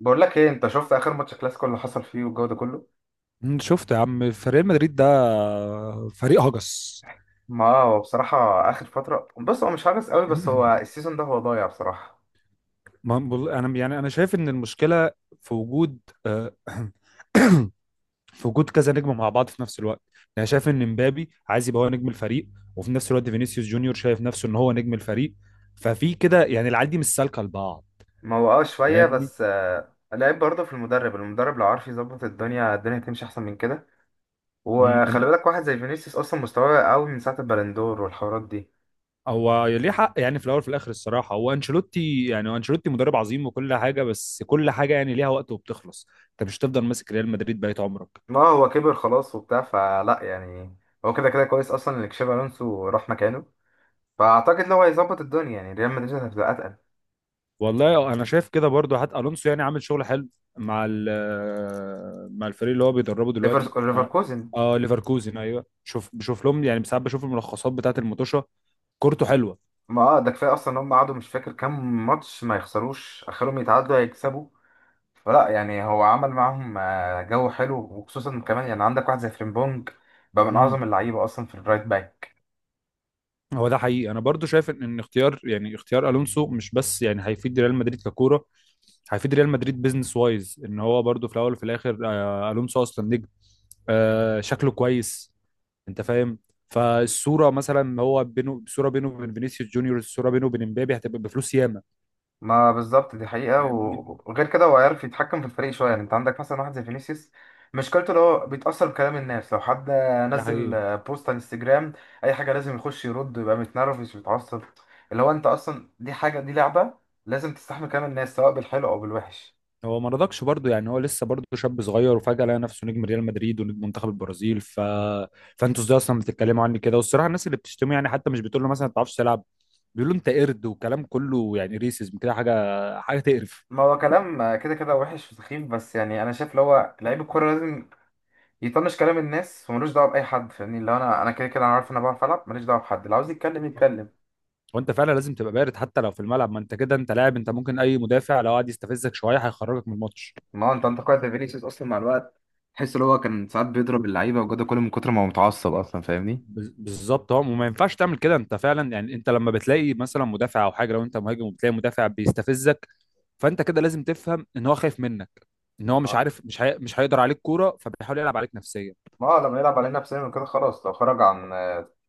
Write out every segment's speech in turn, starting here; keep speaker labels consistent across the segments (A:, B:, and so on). A: بقول لك ايه؟ انت شفت اخر ماتش كلاسيكو اللي حصل فيه والجو ده كله؟
B: شفت يا عم فريق مدريد ده فريق هجس.
A: ما هو بصراحه اخر فتره، بص هو مش عارف قوي، بس هو السيزون ده هو ضايع بصراحه.
B: انا يعني انا شايف ان المشكله في وجود آه، في وجود كذا نجم مع بعض في نفس الوقت. يعني انا شايف ان مبابي عايز يبقى هو نجم الفريق، وفي نفس الوقت فينيسيوس جونيور شايف نفسه ان هو نجم الفريق، ففي كده يعني العيال دي مش سالكه لبعض.
A: ما هو اه شويه،
B: فاهمني.
A: بس لعيب برضه في المدرب. المدرب لو عارف يظبط الدنيا، الدنيا هتمشي احسن من كده.
B: مم،
A: وخلي
B: أن-
A: بالك واحد زي فينيسيوس اصلا مستواه قوي من ساعه البالندور والحوارات دي.
B: هو ليه حق، يعني في الاول وفي الاخر الصراحه هو انشيلوتي، يعني هو انشيلوتي مدرب عظيم وكل حاجه، بس كل حاجه يعني ليها وقت وبتخلص. انت مش هتفضل ماسك ريال مدريد بقيت عمرك.
A: ما هو كبر خلاص وبتاع، فلا يعني. هو كده كده كويس اصلا ان تشابي الونسو راح مكانه، فاعتقد لو هيظبط الدنيا يعني ريال مدريد هتبقى اتقل.
B: والله انا شايف كده برضو. حتى الونسو يعني عامل شغل حلو مع مع الفريق اللي هو بيدربه دلوقتي، اه.
A: ليفركوزن.
B: آه، ليفركوزن، ايوه. شوف، بشوف لهم يعني ساعات، بشوف الملخصات بتاعه المطوشه. كورته حلوه.
A: ما اه ده كفايه اصلا ان هم قعدوا مش فاكر كام ماتش ما يخسروش، اخرهم يتعادلوا هيكسبوا. فلا يعني، هو عمل معاهم جو حلو، وخصوصا كمان يعني عندك واحد زي فريمبونج بقى من
B: امم.
A: اعظم اللعيبه اصلا في الرايت باك.
B: هو ده حقيقي، انا برضو شايف ان اختيار، يعني اختيار الونسو مش بس يعني هيفيد ريال مدريد ككوره، هيفيد ريال مدريد بيزنس وايز. ان هو برضو في الاول وفي الاخر آه الونسو اصلا نجم، آه شكله كويس. انت فاهم؟ فالصوره مثلا هو بينه، صوره بينه وبين فينيسيوس جونيور، الصوره بينه وبين امبابي هتبقى بفلوس ياما.
A: ما بالظبط دي حقيقه،
B: فاهمني.
A: وغير كده هو عارف يتحكم في الفريق شويه. يعني انت عندك مثلا واحد زي فينيسيوس مشكلته اللي هو بيتاثر بكلام الناس، لو حد
B: ده
A: نزل
B: حقيقي.
A: بوست على انستجرام، اي حاجه لازم يخش يرد ويبقى متنرفز ويتعصب. اللي هو انت اصلا دي حاجه، دي لعبه، لازم تستحمل كلام الناس سواء بالحلو او بالوحش.
B: هو ما رضاكش برضه، يعني هو لسه برضه شاب صغير وفجأة لقى نفسه نجم ريال مدريد ونجم منتخب البرازيل، ف فانتوا ازاي اصلا بتتكلموا عني كده؟ والصراحه الناس اللي بتشتمه يعني حتى مش بتقول له مثلا ما تعرفش تلعب، بيقولوا انت قرد وكلام كله يعني ريسيزم كده، حاجه حاجه تقرف.
A: ما هو كلام كده كده وحش وسخيف، بس يعني انا شايف اللي هو لعيب الكوره لازم يطنش كلام الناس وملوش دعوه باي حد. فاهمني اللي هو انا كده كده انا عارف ان انا بعرف العب، ماليش دعوه بحد، اللي عاوز يتكلم يتكلم.
B: وانت فعلا لازم تبقى بارد حتى لو في الملعب، ما انت كده انت لاعب، انت ممكن اي مدافع لو قعد يستفزك شويه هيخرجك من الماتش.
A: ما هو انت انتقدت فينيسيوس اصلا مع الوقت، تحس اللي هو كان ساعات بيضرب اللعيبه وجوده كله من كتر ما هو متعصب اصلا، فاهمني.
B: بالظبط، اه. وما ينفعش تعمل كده، انت فعلا يعني انت لما بتلاقي مثلا مدافع او حاجه، لو انت مهاجم وبتلاقي مدافع بيستفزك، فانت كده لازم تفهم ان هو خايف منك، ان هو مش
A: ما
B: عارف، مش هيقدر عليك كوره، فبيحاول يلعب عليك نفسيا.
A: ما هو لما يلعب علينا نفسنا كده خلاص، لو خرج عن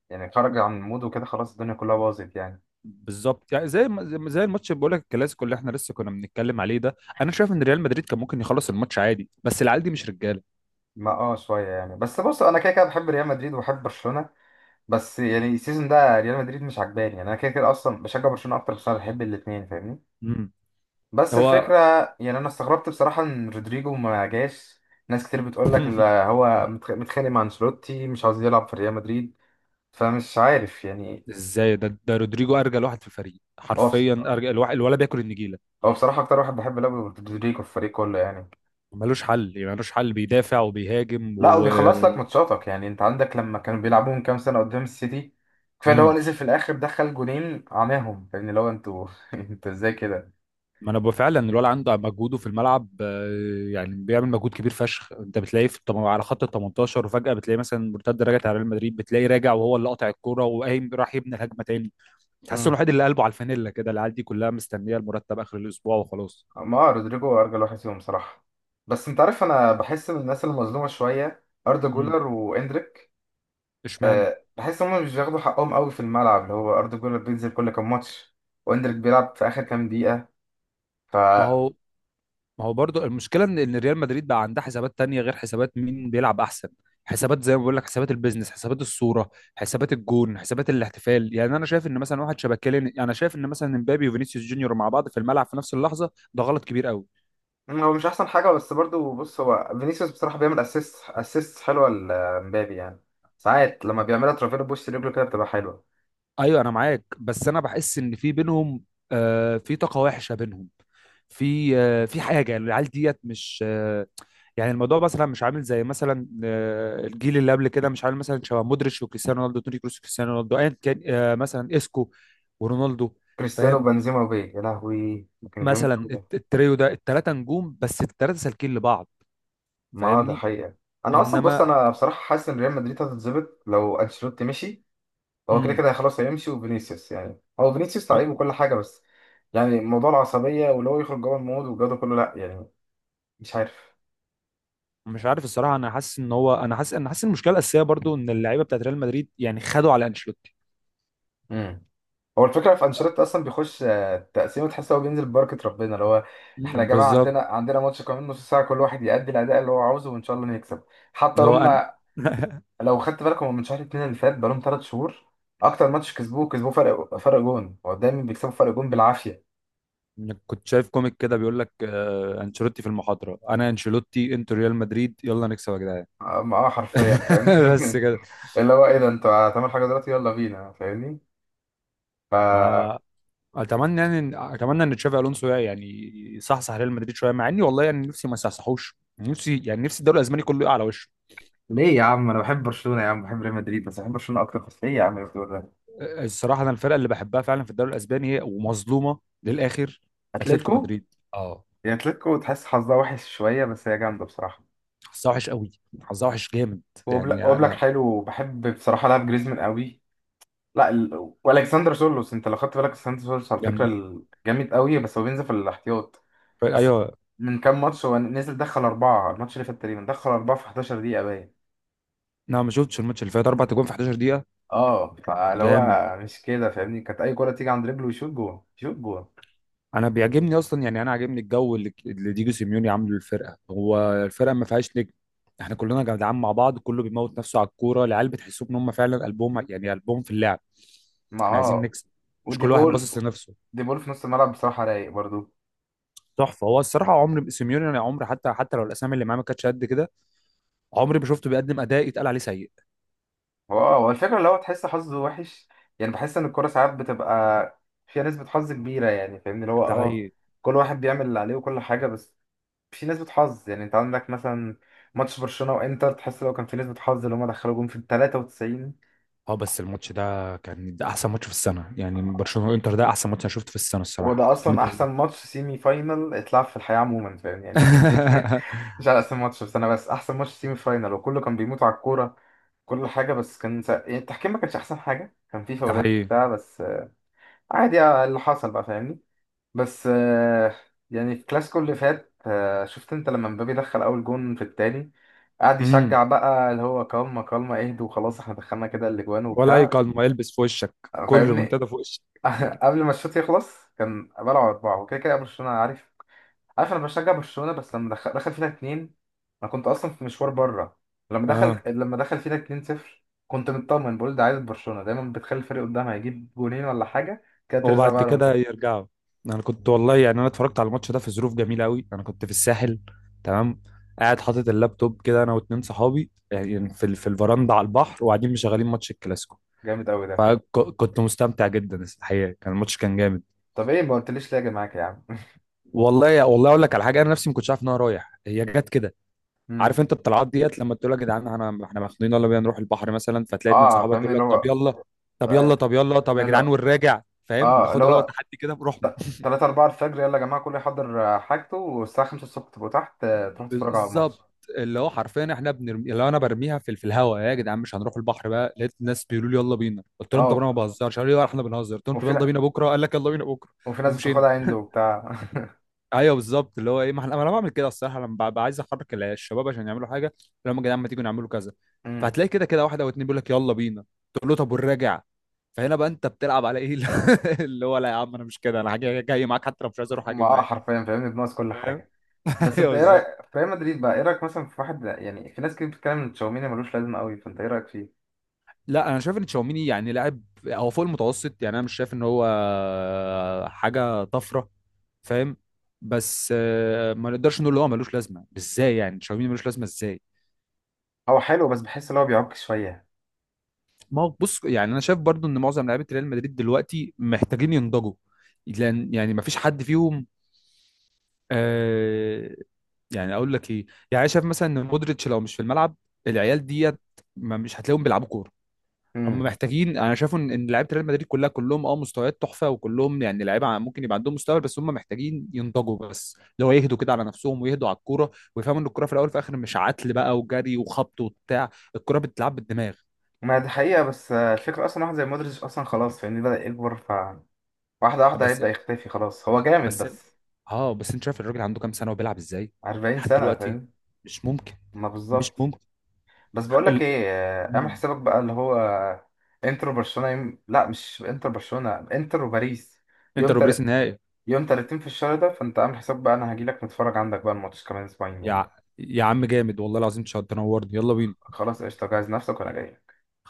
A: يعني خرج عن موده كده خلاص الدنيا كلها باظت يعني.
B: بالظبط. يعني زي ما- زي ما- زي الماتش اللي بقول لك، الكلاسيكو اللي احنا لسه كنا بنتكلم عليه ده، انا شايف ان ريال مدريد كان ممكن يخلص الماتش عادي، بس العيال دي مش رجاله.
A: ما اه شويه يعني، بس بص انا كده كده بحب ريال مدريد وبحب برشلونه، بس يعني السيزون ده ريال مدريد مش عجباني، يعني انا كده كده اصلا بشجع برشلونه اكتر عشان بحب الاثنين، فاهمني.
B: امم.
A: بس الفكره
B: هو
A: يعني انا استغربت بصراحه ان رودريجو ما جاش. ناس كتير بتقول لك لا هو متخانق مع انشيلوتي، مش عاوز يلعب في ريال مدريد، فمش عارف يعني.
B: ازاي ده؟ رودريجو ارجل واحد في الفريق
A: هو بص...
B: حرفيا، ارجل الواحد الولا بياكل النجيله.
A: هو بصراحه اكتر واحد بحب لعب رودريجو في الفريق كله يعني.
B: ملوش حل، ملوش حل، بيدافع وبيهاجم
A: لا
B: و
A: وبيخلص لك ماتشاتك، يعني انت عندك لما كانوا بيلعبوا من كام سنه قدام السيتي كفايه اللي هو
B: امم.
A: نزل في الاخر دخل جونين عماهم، فاهمني اللي هو انتوا انتوا ازاي كده.
B: ما انا بقى فعلا الولد عنده مجهوده في الملعب، يعني بيعمل مجهود كبير فشخ. انت بتلاقيه في على خط ال 18، وفجأة بتلاقيه مثلا مرتد رجعت على ريال مدريد، بتلاقيه راجع وهو اللي قاطع الكوره وقايم راح يبني الهجمه تاني. تحس انه الوحيد اللي قلبه على الفانيلا كده، العيال دي كلها مستنيه المرتب اخر الاسبوع وخلاص.
A: ما رودريجو ارجل واحد فيهم صراحه. بس انت عارف انا بحس ان الناس المظلومه شويه اردا
B: امم.
A: جولر واندريك.
B: اشمعنى؟
A: أه بحس ان هم مش بياخدوا حقهم قوي في الملعب، اللي هو اردا جولر بينزل كل كام ماتش، واندريك بيلعب في اخر كام دقيقه ف.
B: ما هو ما هو برضو المشكله ان ريال مدريد بقى عندها حسابات تانية غير حسابات مين بيلعب احسن. حسابات زي ما بقول لك، حسابات البيزنس، حسابات الصوره، حسابات الجون، حسابات الاحتفال. يعني انا شايف ان مثلا واحد شبه كيليان، يعني انا شايف ان مثلا امبابي وفينيسيوس جونيور مع بعض في الملعب في نفس اللحظه ده غلط كبير قوي.
A: مم، هو مش احسن حاجه، بس برضو بص هو فينيسيوس بصراحه بيعمل اسيست حلوه لمبابي يعني، ساعات لما بيعملها ترافيرو بوش رجله كده بتبقى حلوه.
B: ايوه انا معاك، بس انا بحس ان في بينهم في طاقه وحشه بينهم، في في حاجه، يعني العيال ديت مش يعني الموضوع مثلا مش عامل زي مثلا الجيل اللي قبل كده، مش عامل مثلا شبه مودريتش وكريستيانو رونالدو، توني كروس وكريستيانو رونالدو، ايا كان مثلا اسكو ورونالدو.
A: كريستيانو
B: فاهم؟
A: بنزيما وبيه، يا لهوي كان جامد
B: مثلا
A: قوي.
B: التريو ده، التلاته نجوم بس التلاته سالكين لبعض.
A: ما هو ده
B: فاهمني.
A: حقيقة. انا اصلا بص
B: انما
A: انا بصراحة حاسس ان ريال مدريد هتتظبط لو انشيلوتي مشي. هو كده
B: امم.
A: كده خلاص هيمشي، وفينيسيوس يعني هو فينيسيوس لعيب وكل حاجة، بس يعني موضوع العصبية واللي هو يخرج جوه المود والجو ده كله لا يعني، مش عارف.
B: مش عارف الصراحه، انا حاسس ان هو، انا حاسس إن المشكله الاساسيه برضو ان اللعيبه بتاعت ريال مدريد يعني خدوا على انشيلوتي.
A: امم، هو الفكرة في انشيلوتي اصلا بيخش تقسيمة تحس هو بينزل ببركة ربنا، اللي هو احنا يا جماعة عندنا
B: بالظبط.
A: عندنا ماتش كمان نص ساعة، كل واحد يأدي الأداء اللي هو عاوزه وإن شاء الله نكسب. حتى
B: اللي هو
A: هم
B: انا
A: لو خدت بالك هم من شهر اتنين اللي فات بقالهم تلات شهور، اكتر ماتش كسبوه فرق جون. هو دايما بيكسبوا فرق جون بالعافيه.
B: كنت شايف كوميك كده بيقول لك انشيلوتي في المحاضره، انا انشيلوتي، انتوا ريال مدريد، يلا نكسب يا جدعان.
A: أم- اه حرفيا فاهمني
B: بس كده.
A: اللي هو ايه ده، انتوا هتعملوا حاجه دلوقتي يلا بينا فاهمني ف.
B: ما اتمنى يعني اتمنى ان تشافي الونسو يعني يصحصح ريال مدريد شويه، مع اني والله يعني نفسي ما يصحصحوش، نفسي يعني نفسي الدوري الاسباني كله يقع على وشه.
A: ليه يا عم، انا بحب برشلونه يا عم، بحب ريال مدريد بس بحب برشلونه اكتر، بس ايه يا عم اللي بتقول ده؟
B: آه، الصراحه انا الفرقه اللي بحبها فعلا في الدوري الاسباني هي ومظلومه للاخر، اتلتيكو
A: اتلتيكو.
B: مدريد، اه.
A: يا اتلتيكو تحس حظها وحش شويه، بس هي جامده بصراحه.
B: حظها وحش قوي، حظها وحش جامد. يعني
A: وبلاك
B: انا
A: حلو، بحب بصراحه لعب جريزمان قوي. لا والكسندر سولوس، انت لو خدت بالك الكسندر سولوس على فكره
B: جامدين.
A: جامد قوي، بس هو بينزل في الاحتياط. بس
B: ايوه.
A: من كام ماتش هو نزل دخل اربعه، الماتش اللي فات تقريبا دخل اربعه في 11 دقيقه باين.
B: لا ما شفتش الماتش اللي فات، اربع تجوان في 11 دقيقه.
A: اه فاللي
B: جامد.
A: هو مش كده فاهمني، كانت اي كره تيجي عند رجله يشوط جوه يشوط جوه.
B: انا بيعجبني اصلا، يعني انا عاجبني الجو اللي اللي ديجو سيميوني عامله للفرقه. هو الفرقه ما فيهاش نجم، احنا كلنا جدعان مع بعض، كله بيموت نفسه على الكوره، العيال بتحسوا ان هم فعلا قلبهم يعني قلبهم في اللعب.
A: ما
B: احنا عايزين
A: اه
B: نكسب، مش
A: ودي
B: كل واحد
A: بول،
B: باصص لنفسه.
A: دي بول في نص الملعب بصراحه رايق برضو.
B: تحفه هو الصراحه عمري سيميوني، انا عمري حتى حتى لو الاسامي اللي معاه ما كانتش قد كده، عمري ما شفته بيقدم اداء يتقال عليه سيء.
A: هو اه هو الفكره اللي هو تحس حظه وحش، يعني بحس ان الكره ساعات بتبقى فيها نسبه حظ كبيره يعني فاهمني اللي هو
B: ده
A: اه،
B: حقيقي.
A: كل واحد بيعمل اللي عليه وكل حاجه، بس في نسبة حظ يعني. انت عندك مثلا ماتش برشلونة وانتر، تحس لو كان في نسبة حظ اللي هما دخلوا جون في ال 93.
B: اه، بس الماتش ده كان، ده احسن ماتش في السنه. يعني برشلونه وانتر، ده احسن ماتش انا شفته في السنه الصراحه،
A: وده اصلا
B: جامد
A: احسن
B: أوي.
A: ماتش سيمي فاينل اتلعب في الحياة عموما، فاهم يعني ما في مش على اسم ماتش، بس انا بس احسن ماتش سيمي فاينل، وكله كان بيموت على الكورة كل حاجة، بس كان يعني التحكيم ما كانش احسن حاجة، كان في
B: ده
A: فاولات
B: حقيقي.
A: بتاع، بس عادي اللي حصل بقى فاهمني. بس يعني في الكلاسيكو اللي فات شفت انت لما مبابي دخل اول جون في التاني، قعد
B: امم.
A: يشجع بقى اللي هو كالما كالما اهدوا وخلاص احنا دخلنا كده الاجوان
B: ولا اي
A: وبتاع
B: قلم يلبس في وشك، كل
A: فاهمني
B: ريمونتادا في وشك.
A: قبل ما الشوط يخلص كان بلعوا اربعه وكده كده برشلونه عارف، عارف انا بشجع برشلونه، بس لما دخل فينا اتنين، انا كنت اصلا في مشوار بره، لما دخل
B: اه.
A: لما دخل فينا اتنين صفر كنت مطمن بقول ده، عايز برشلونه دايما بتخلي الفريق قدامها يجيب جونين ولا حاجه كده، ترزع
B: وبعد
A: بقى لهم
B: كده
A: كده.
B: يرجعوا. انا كنت والله، يعني انا اتفرجت على الماتش ده في ظروف جميله قوي. انا كنت في الساحل، تمام؟ قاعد حاطط اللابتوب كده انا واتنين صحابي، يعني في في الفرندا على البحر، وقاعدين مشغلين ماتش الكلاسيكو.
A: جامد قوي ده.
B: فكنت مستمتع جدا الحقيقه، كان الماتش كان جامد.
A: طب ايه ما قلتليش ليه يا جماعه يا عم؟
B: والله والله اقول لك على حاجه، انا نفسي ما كنتش عارف ان انا رايح، هي جت كده. عارف
A: امم
B: انت الطلعات ديت لما تقول يا جدعان، انا احنا مخنوقين يلا بينا نروح البحر مثلا، فتلاقي اتنين
A: اه
B: صحابك
A: فاهمني
B: يقول
A: اللي
B: لك
A: هو آه،
B: طب يلا، طب يا
A: اللي
B: جدعان،
A: هو
B: والراجع. فاهم،
A: اه
B: بناخد
A: اللي
B: اللي هو
A: هو
B: تحدي كده بروحنا.
A: تلاتة أربعة الفجر يلا يا جماعة كله يحضر حاجته، والساعة خمسة الصبح تبقوا تحت تروحوا تتفرجوا على الماتش.
B: بالظبط. اللي هو حرفيا احنا بنرمي، اللي هو انا برميها في الهواء، يا جدعان مش هنروح البحر بقى، لقيت الناس بيقولوا لي يلا بينا. قلت لهم طب
A: اه
B: انا ما بهزرش، قالوا لي لا، احنا بنهزر. قلت لهم طب
A: وفي
B: يلا
A: نا-
B: بينا بكره، قال لك يلا بينا بكره.
A: وفي ناس
B: ومشينا.
A: بتاخدها عند وبتاع
B: ايوه بالظبط، اللي هو ايه، ما ما انا بعمل كده الصراحه لما ببقى عايز احرك الشباب عشان يعملوا حاجه، لما يا جدعان ما تيجوا نعملوا كذا.
A: امم
B: فهتلاقي كده كده واحد او اتنين بيقول لك يلا بينا، تقول له طب والراجع. فهنا بقى انت بتلعب على ايه؟ اللي هو لا يا عم انا مش كده، انا حاجه جاي معاك حتى لو مش عايز اروح هاجي
A: ما اه
B: معاك.
A: حرفيا فاهمني بنقص كل
B: فاهم.
A: حاجة. بس
B: ايوه
A: انت ايه رأيك
B: بالظبط.
A: في ريال مدريد بقى؟ ايه رأيك مثلا في واحد يعني، في ناس كتير بتتكلم ان تشاوميني ملوش لازمة قوي، فانت ايه رأيك فيه؟
B: لا، انا شايف ان تشاوميني يعني لاعب، هو فوق المتوسط، يعني انا مش شايف ان هو حاجه طفره. فاهم؟ بس ما نقدرش نقول ان هو ملوش لازمه، ازاي يعني تشاوميني ملوش لازمه ازاي؟
A: هو حلو بس بحس ان هو بيعك شوية.
B: ما هو بص، يعني انا شايف برضو ان معظم لعيبه ريال مدريد دلوقتي محتاجين ينضجوا، لان يعني ما فيش حد فيهم آه يعني اقول لك ايه، يعني أنا شايف مثلا ان مودريتش لو مش في الملعب العيال ديت، ما مش هتلاقيهم بيلعبوا كوره. هم
A: امم
B: محتاجين، انا شايف ان لعيبه ريال مدريد كلها، كلهم اه مستويات تحفه، وكلهم يعني لعيبه ممكن يبقى عندهم مستوى، بس هم محتاجين ينضجوا، بس لو يهدوا كده على نفسهم ويهدوا على الكوره، ويفهموا ان الكوره في الاول وفي الاخر مش عتل بقى وجري وخبط وبتاع، الكوره بتتلعب بالدماغ.
A: ما دي حقيقة، بس الفكرة اصلا واحد زي مودريتش اصلا خلاص فاهمني بدأ يكبر، واحدة واحدة
B: بس
A: هيبدأ يختفي خلاص، هو جامد
B: بس
A: بس
B: اه، بس انت شايف الراجل عنده كام سنه وبيلعب ازاي
A: 40
B: لحد
A: سنة
B: دلوقتي؟
A: فاهم.
B: مش ممكن،
A: ما
B: مش
A: بالظبط.
B: ممكن.
A: بس
B: حق
A: بقولك
B: ال...
A: ايه اعمل
B: مم.
A: حسابك بقى، اللي هو انترو برشلونة لا مش انترو برشلونة، انترو باريس يوم
B: انتر وبريس
A: تل...
B: النهائي.
A: يوم 30 في الشهر ده، فانت اعمل حسابك بقى انا هجيلك نتفرج عندك بقى الماتش كمان اسبوعين
B: يا
A: يعني.
B: ع- يا عم جامد، والله العظيم تشرف تنورني، يلا بينا.
A: خلاص قشطة، جهز نفسك وانا جاي.